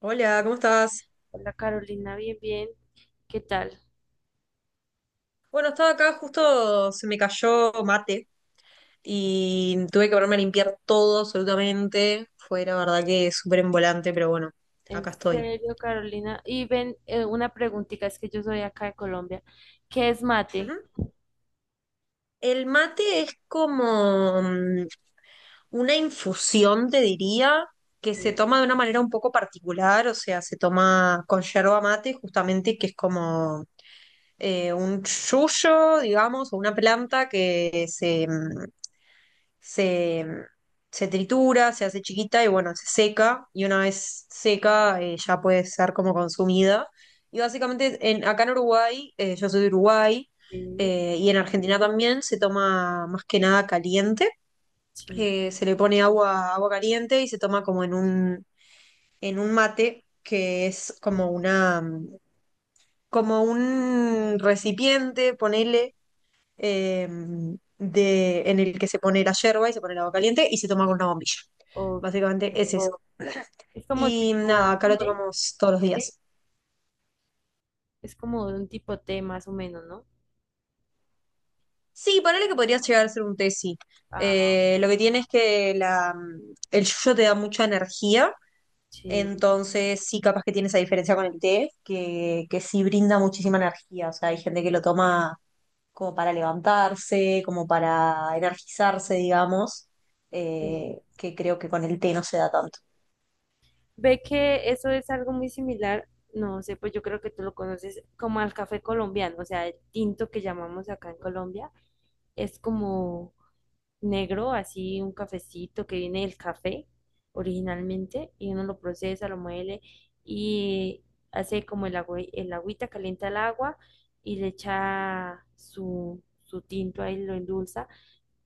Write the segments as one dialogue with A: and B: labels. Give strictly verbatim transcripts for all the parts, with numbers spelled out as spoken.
A: Hola, ¿cómo estás?
B: Hola Carolina, bien, bien. ¿Qué tal?
A: Bueno, estaba acá, justo se me cayó mate y tuve que ponerme a limpiar todo absolutamente. Fue la verdad que súper volante, pero bueno,
B: En
A: acá estoy.
B: serio, Carolina. Y ven, eh, una preguntita, es que yo soy acá de Colombia. ¿Qué es
A: Ujú.
B: mate?
A: El mate es como mm, una infusión, te diría, que se
B: Eh,
A: toma de una manera un poco particular, o sea, se toma con yerba mate justamente, que es como eh, un yuyo, digamos, o una planta que se, mm, se, mm, se tritura, se hace chiquita y bueno, se seca y una vez seca eh, ya puede ser como consumida. Y básicamente en, acá en Uruguay, eh, yo soy de Uruguay,
B: Sí,
A: eh, y en Argentina también se toma más que nada caliente.
B: sí.
A: Eh, se le pone agua, agua, caliente y se toma como en un, en un mate que es
B: o-
A: como una... mm, como un recipiente, ponele, eh, de, en el que se pone la yerba y se pone el agua caliente y se toma con una bombilla.
B: o-
A: Básicamente es
B: eh,
A: eso.
B: Es como
A: Y nada,
B: tipo
A: acá lo
B: té,
A: tomamos todos los días.
B: ¿Es como un tipo té más o menos, no?
A: Sí, ponele que podría llegar a ser un té, sí.
B: Ah,
A: Eh, lo que tiene es que la, el yuyo te da mucha energía,
B: sí,
A: entonces sí, capaz que tiene esa diferencia con el té, que, que sí brinda muchísima energía. O sea, hay gente que lo toma como para levantarse, como para energizarse, digamos,
B: sí.
A: eh, que creo que con el té no se da tanto.
B: Ve que eso es algo muy similar, no sé, pues yo creo que tú lo conoces como al café colombiano, o sea, el tinto que llamamos acá en Colombia, es como negro, así un cafecito que viene del café originalmente, y uno lo procesa, lo muele y hace como el agua, el agüita, calienta el agua y le echa su, su tinto ahí, lo endulza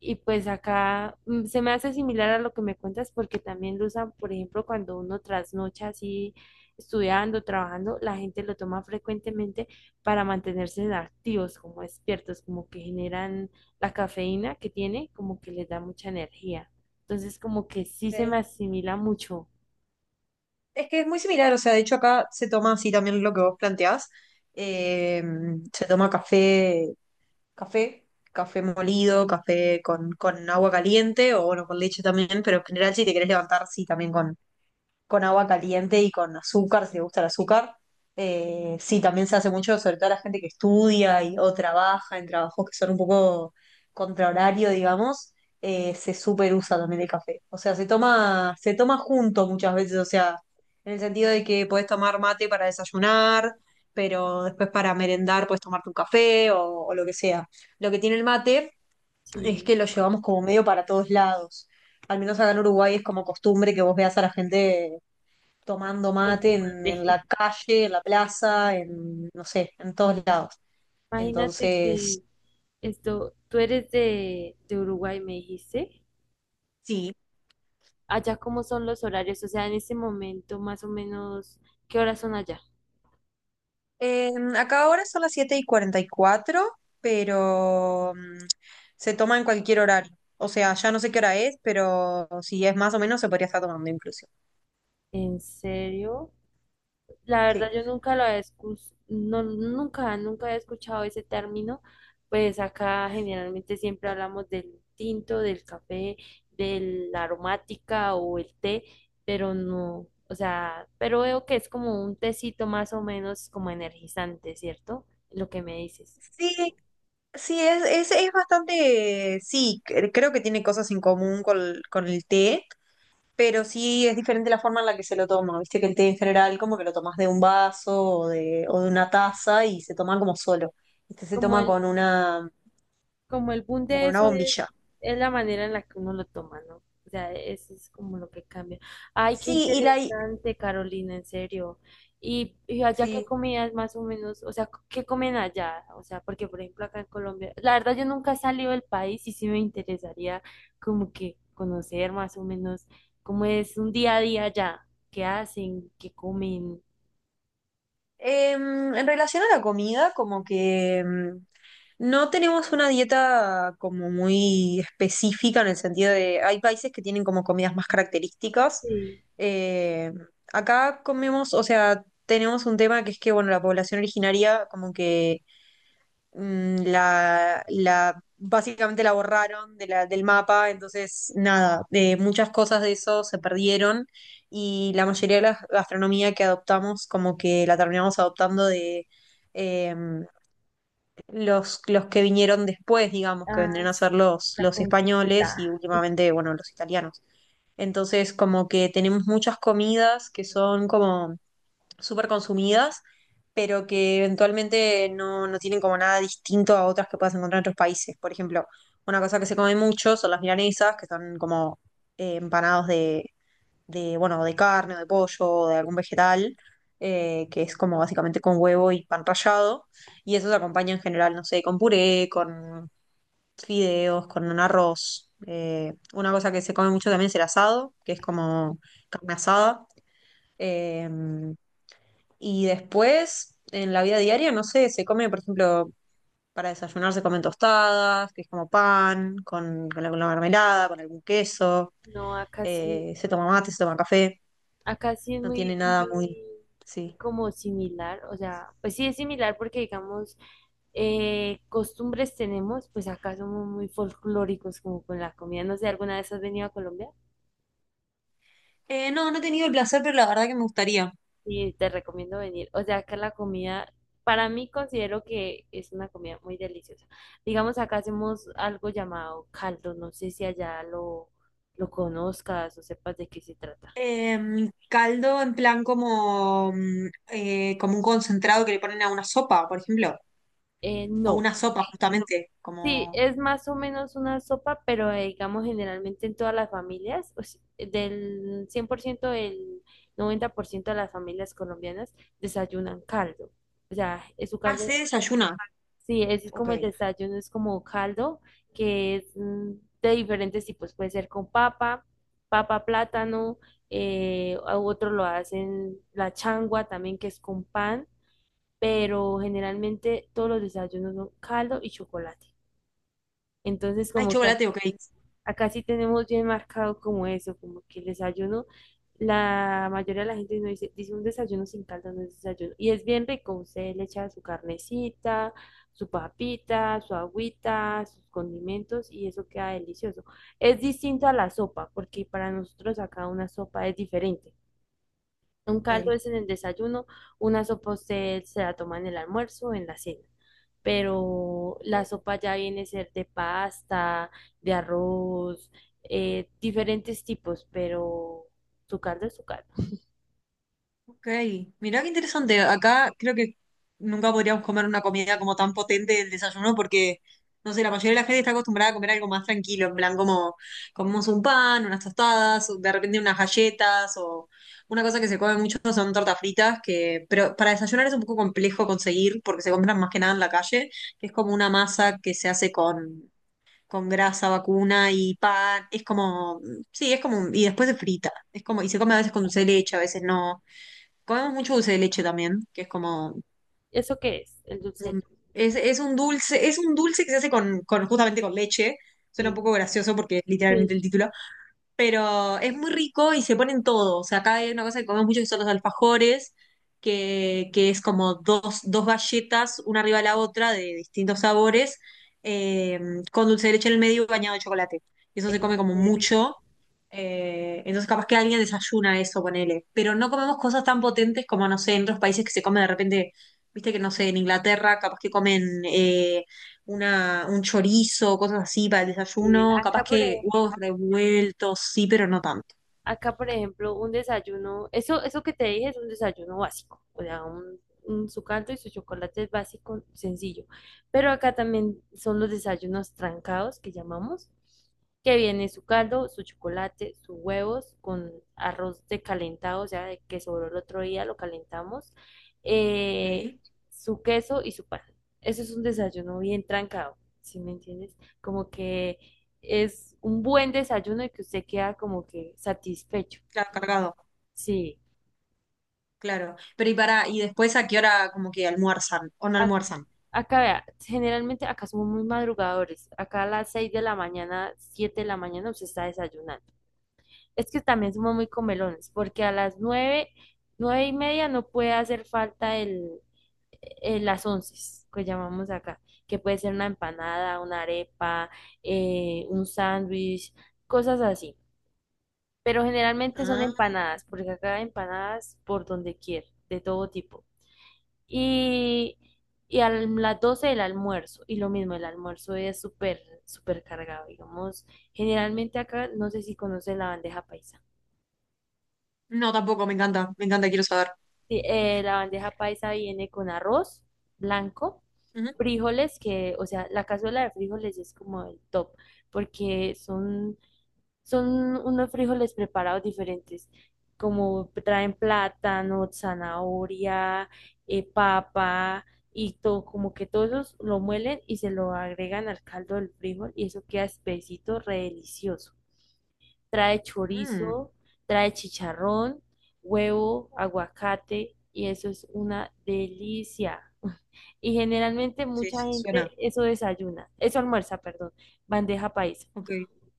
B: y pues acá mm, se me hace similar a lo que me cuentas porque también lo usan, por ejemplo, cuando uno trasnocha así estudiando, trabajando, la gente lo toma frecuentemente para mantenerse activos, como despiertos, como que generan la cafeína que tiene, como que les da mucha energía. Entonces, como que sí se
A: Ok.
B: me asimila mucho.
A: Es que es muy similar, o sea, de hecho acá se toma así también lo que vos planteás. eh, Se toma café, café, café molido, café con, con agua caliente o bueno, con leche también, pero en general si te querés levantar, sí, también con, con agua caliente y con azúcar, si le gusta el azúcar. Eh, sí, también se hace mucho, sobre todo la gente que estudia y, o trabaja en trabajos que son un poco contra, digamos, eh, se super usa también el café. O sea, se toma, se toma junto muchas veces, o sea, en el sentido de que podés tomar mate para desayunar, pero después para merendar podés tomarte un café o, o lo que sea. Lo que tiene el mate es
B: Sí,
A: que lo llevamos como medio para todos lados. Al menos acá en Uruguay es como costumbre que vos veas a la gente tomando
B: con
A: mate en,
B: fumarte.
A: en la calle, en la plaza, en, no sé, en todos lados.
B: Imagínate
A: Entonces,
B: que esto, tú eres de, de Uruguay, me dijiste.
A: sí.
B: ¿Allá cómo son los horarios, o sea, en este momento más o menos, qué horas son allá?
A: Eh, Acá ahora son las siete y cuarenta y cuatro, pero mm, se toma en cualquier horario. O sea, ya no sé qué hora es, pero si es más o menos se podría estar tomando incluso.
B: ¿En serio? La
A: Sí.
B: verdad yo nunca lo había escu- no, nunca, nunca había escuchado ese término, pues acá generalmente siempre hablamos del tinto, del café, de la aromática o el té, pero no, o sea, pero veo que es como un tecito más o menos como energizante, ¿cierto? Lo que me dices.
A: Sí, sí, es, es, es bastante, sí, cre- creo que tiene cosas en común con, con el té, pero sí es diferente la forma en la que se lo toma. Viste que el té en general como que lo tomas de un vaso o de, o de una taza y se toma como solo. Este se
B: Como
A: toma
B: el,
A: con una,
B: como el boom
A: como
B: de
A: con una
B: eso es,
A: bombilla.
B: es la manera en la que uno lo toma, ¿no? O sea, eso es como lo que cambia. Ay, qué
A: Sí, y la,
B: interesante, Carolina, en serio. Y, y allá ¿qué
A: sí.
B: comidas más o menos, o sea, qué comen allá? O sea, porque por ejemplo acá en Colombia, la verdad yo nunca he salido del país y sí me interesaría como que conocer más o menos cómo es un día a día allá, qué hacen, qué comen.
A: Em, en relación a la comida, como que em, no tenemos una dieta como muy específica en el sentido de, hay países que tienen como comidas más características.
B: Sí,
A: Eh, Acá comemos, o sea, tenemos un tema que es que, bueno, la población originaria como que mm, la, la, básicamente la borraron de la, del mapa, entonces nada, de muchas cosas de eso se perdieron y la mayoría de la gastronomía que adoptamos como que la terminamos adoptando de eh, los, los que vinieron después, digamos, que
B: ah,
A: vendrían a ser
B: sí,
A: los,
B: la
A: los españoles y
B: conquista.
A: últimamente, bueno, los italianos. Entonces como que tenemos muchas comidas que son como súper consumidas, pero que eventualmente no, no tienen como nada distinto a otras que puedas encontrar en otros países. Por ejemplo, una cosa que se come mucho son las milanesas, que son como eh, empanados de, de, bueno, de carne, o de pollo, o de algún vegetal, eh, que es como básicamente con huevo y pan rallado, y eso se acompaña en general, no sé, con puré, con fideos, con un arroz. Eh, una cosa que se come mucho también es el asado, que es como carne asada. Eh, y después, en la vida diaria, no sé, se come, por ejemplo, para desayunar se comen tostadas, que es como pan, con, con alguna mermelada, con algún queso,
B: No, acá sí.
A: eh, se toma mate, se toma café,
B: Acá sí es
A: no
B: muy,
A: tiene nada muy...
B: muy
A: Sí.
B: como similar, o sea, pues sí es similar porque digamos, eh, costumbres tenemos, pues acá somos muy folclóricos como con la comida. No sé, ¿alguna vez has venido a Colombia?
A: Eh, no, no he tenido el placer, pero la verdad que me gustaría.
B: Y te recomiendo venir. O sea, acá la comida, para mí considero que es una comida muy deliciosa. Digamos, acá hacemos algo llamado caldo, no sé si allá lo, lo conozcas o sepas de qué se trata.
A: Em, caldo en plan como, mm, eh, como un concentrado que le ponen a una sopa, por ejemplo,
B: Eh,
A: o
B: no,
A: una sopa justamente,
B: sí,
A: como...
B: es más o menos una sopa, pero eh, digamos generalmente en todas las familias, o si- del cien por ciento el noventa por ciento de las familias colombianas desayunan caldo. O sea, es su
A: Ah, se
B: caldo,
A: desayuna,
B: sí, es
A: ok.
B: como el desayuno, es como caldo que es mm, de diferentes tipos, puede ser con papa, papa, plátano, eh, a otro lo hacen la changua también que es con pan, pero generalmente todos los desayunos son caldo y chocolate. Entonces,
A: Hay
B: como que
A: chocolate, ok.
B: acá sí tenemos bien marcado como eso, como que el desayuno, la mayoría de la gente no dice, dice un desayuno sin caldo, no es desayuno. Y es bien rico, usted le echa su carnecita, su papita, su agüita, sus condimentos y eso queda delicioso. Es distinto a la sopa, porque para nosotros acá una sopa es diferente. Un caldo
A: Ok.
B: es en el desayuno, una sopa usted se la toma en el almuerzo o en la cena, pero la sopa ya viene a ser de pasta, de arroz, eh, diferentes tipos, pero su caldo es su caldo.
A: Ok, mirá qué interesante. Acá creo que nunca podríamos comer una comida como tan potente del desayuno porque, no sé, la mayoría de la gente está acostumbrada a comer algo más tranquilo, en plan como comemos un pan, unas tostadas, o de repente unas galletas o una cosa que se come mucho son tortas fritas, que, pero para desayunar es un poco complejo conseguir porque se compran más que nada en la calle, que es como una masa que se hace con, con grasa vacuna y pan. Es como, sí, es como, un- y después se frita. Es como, y se come a veces con dulce de leche, a veces no. Comemos mucho dulce de leche también, que es como
B: ¿Eso qué es? El dulce
A: un- es, es un dulce, es un dulce que se hace con, con- justamente con leche.
B: de
A: Suena un
B: leche.
A: poco gracioso porque es
B: Sí,
A: literalmente el
B: sí,
A: título, pero es muy rico y se ponen todo. O sea, acá hay una cosa que comemos mucho que son los alfajores, que, que es como dos, dos galletas, una arriba de la otra, de distintos sabores, eh, con dulce de leche en el medio y bañado de chocolate. Y eso se come
B: en
A: como
B: serio,
A: mucho. Eh, entonces capaz que alguien desayuna eso, ponele. Pero no comemos cosas tan potentes como, no sé, en otros países que se come de repente, viste que no sé, en Inglaterra capaz que comen eh, una, un chorizo, cosas así para el
B: sí.
A: desayuno, capaz
B: Acá, por
A: que
B: ejemplo,
A: huevos revueltos, sí, pero no tanto.
B: Acá, por ejemplo, un desayuno, eso, eso que te dije es un desayuno básico, o sea, un, un- su caldo y su chocolate es básico, sencillo. Pero acá también son los desayunos trancados que llamamos, que viene su caldo, su chocolate, sus huevos con arroz de calentado, o sea, de que sobró el otro día, lo calentamos,
A: ¿Ok?
B: eh, su queso y su pan. Eso es un desayuno bien trancado, ¿sí me entiendes? Como que es un buen desayuno y que usted queda como que satisfecho.
A: Claro, cargado,
B: Sí,
A: claro. Pero y para, y después a qué hora como que almuerzan o no
B: A-
A: almuerzan.
B: acá vea, generalmente acá somos muy madrugadores. Acá a las seis de la mañana, siete de la mañana usted está desayunando. Es que también somos muy comelones, porque a las nueve nueve y media no puede hacer falta el, el- las once, que llamamos acá, que puede ser una empanada, una arepa, eh, un sándwich, cosas así. Pero generalmente son
A: Ah,
B: empanadas, porque acá hay empanadas por donde quiera, de todo tipo. Y, y a las doce el almuerzo, y lo mismo, el almuerzo es súper, súper cargado, digamos. Generalmente acá, no sé si conocen la bandeja paisa.
A: no, tampoco, me encanta, me encanta, quiero saber.
B: Sí, eh, la bandeja paisa viene con arroz blanco,
A: Ujú.
B: frijoles, que, o sea, la cazuela de frijoles es como el top, porque son Son unos frijoles preparados diferentes, como traen plátano, zanahoria, eh, papa y todo, como que todos esos lo muelen y se lo agregan al caldo del frijol y eso queda espesito, re delicioso. Trae
A: Mm,
B: chorizo, trae chicharrón, huevo, aguacate y eso es una delicia. Y generalmente
A: sí,
B: mucha gente
A: suena.
B: eso desayuna, eso almuerza, perdón, bandeja paisa
A: Ok.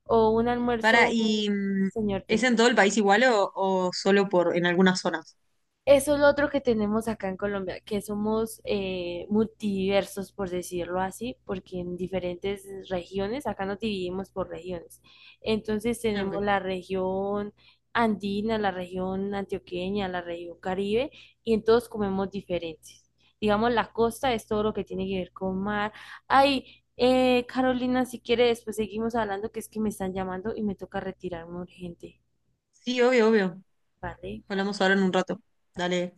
B: o un
A: Para,
B: almuerzo,
A: y mm,
B: señor Tim.
A: ¿Es en todo el país igual o, o solo por en algunas zonas?
B: Eso es lo otro que tenemos acá en Colombia, que somos eh, multiversos, por decirlo así, porque en diferentes regiones, acá nos dividimos por regiones. Entonces
A: Ah,
B: tenemos
A: ok.
B: la región andina, la región antioqueña, la región caribe, y en todos comemos diferentes. Digamos, la costa es todo lo que tiene que ver con mar. Ay, eh, Carolina, si quiere, después seguimos hablando, que es que me están llamando y me toca retirarme urgente,
A: Sí, obvio, obvio.
B: ¿vale?
A: Hablamos ahora en un rato. Dale.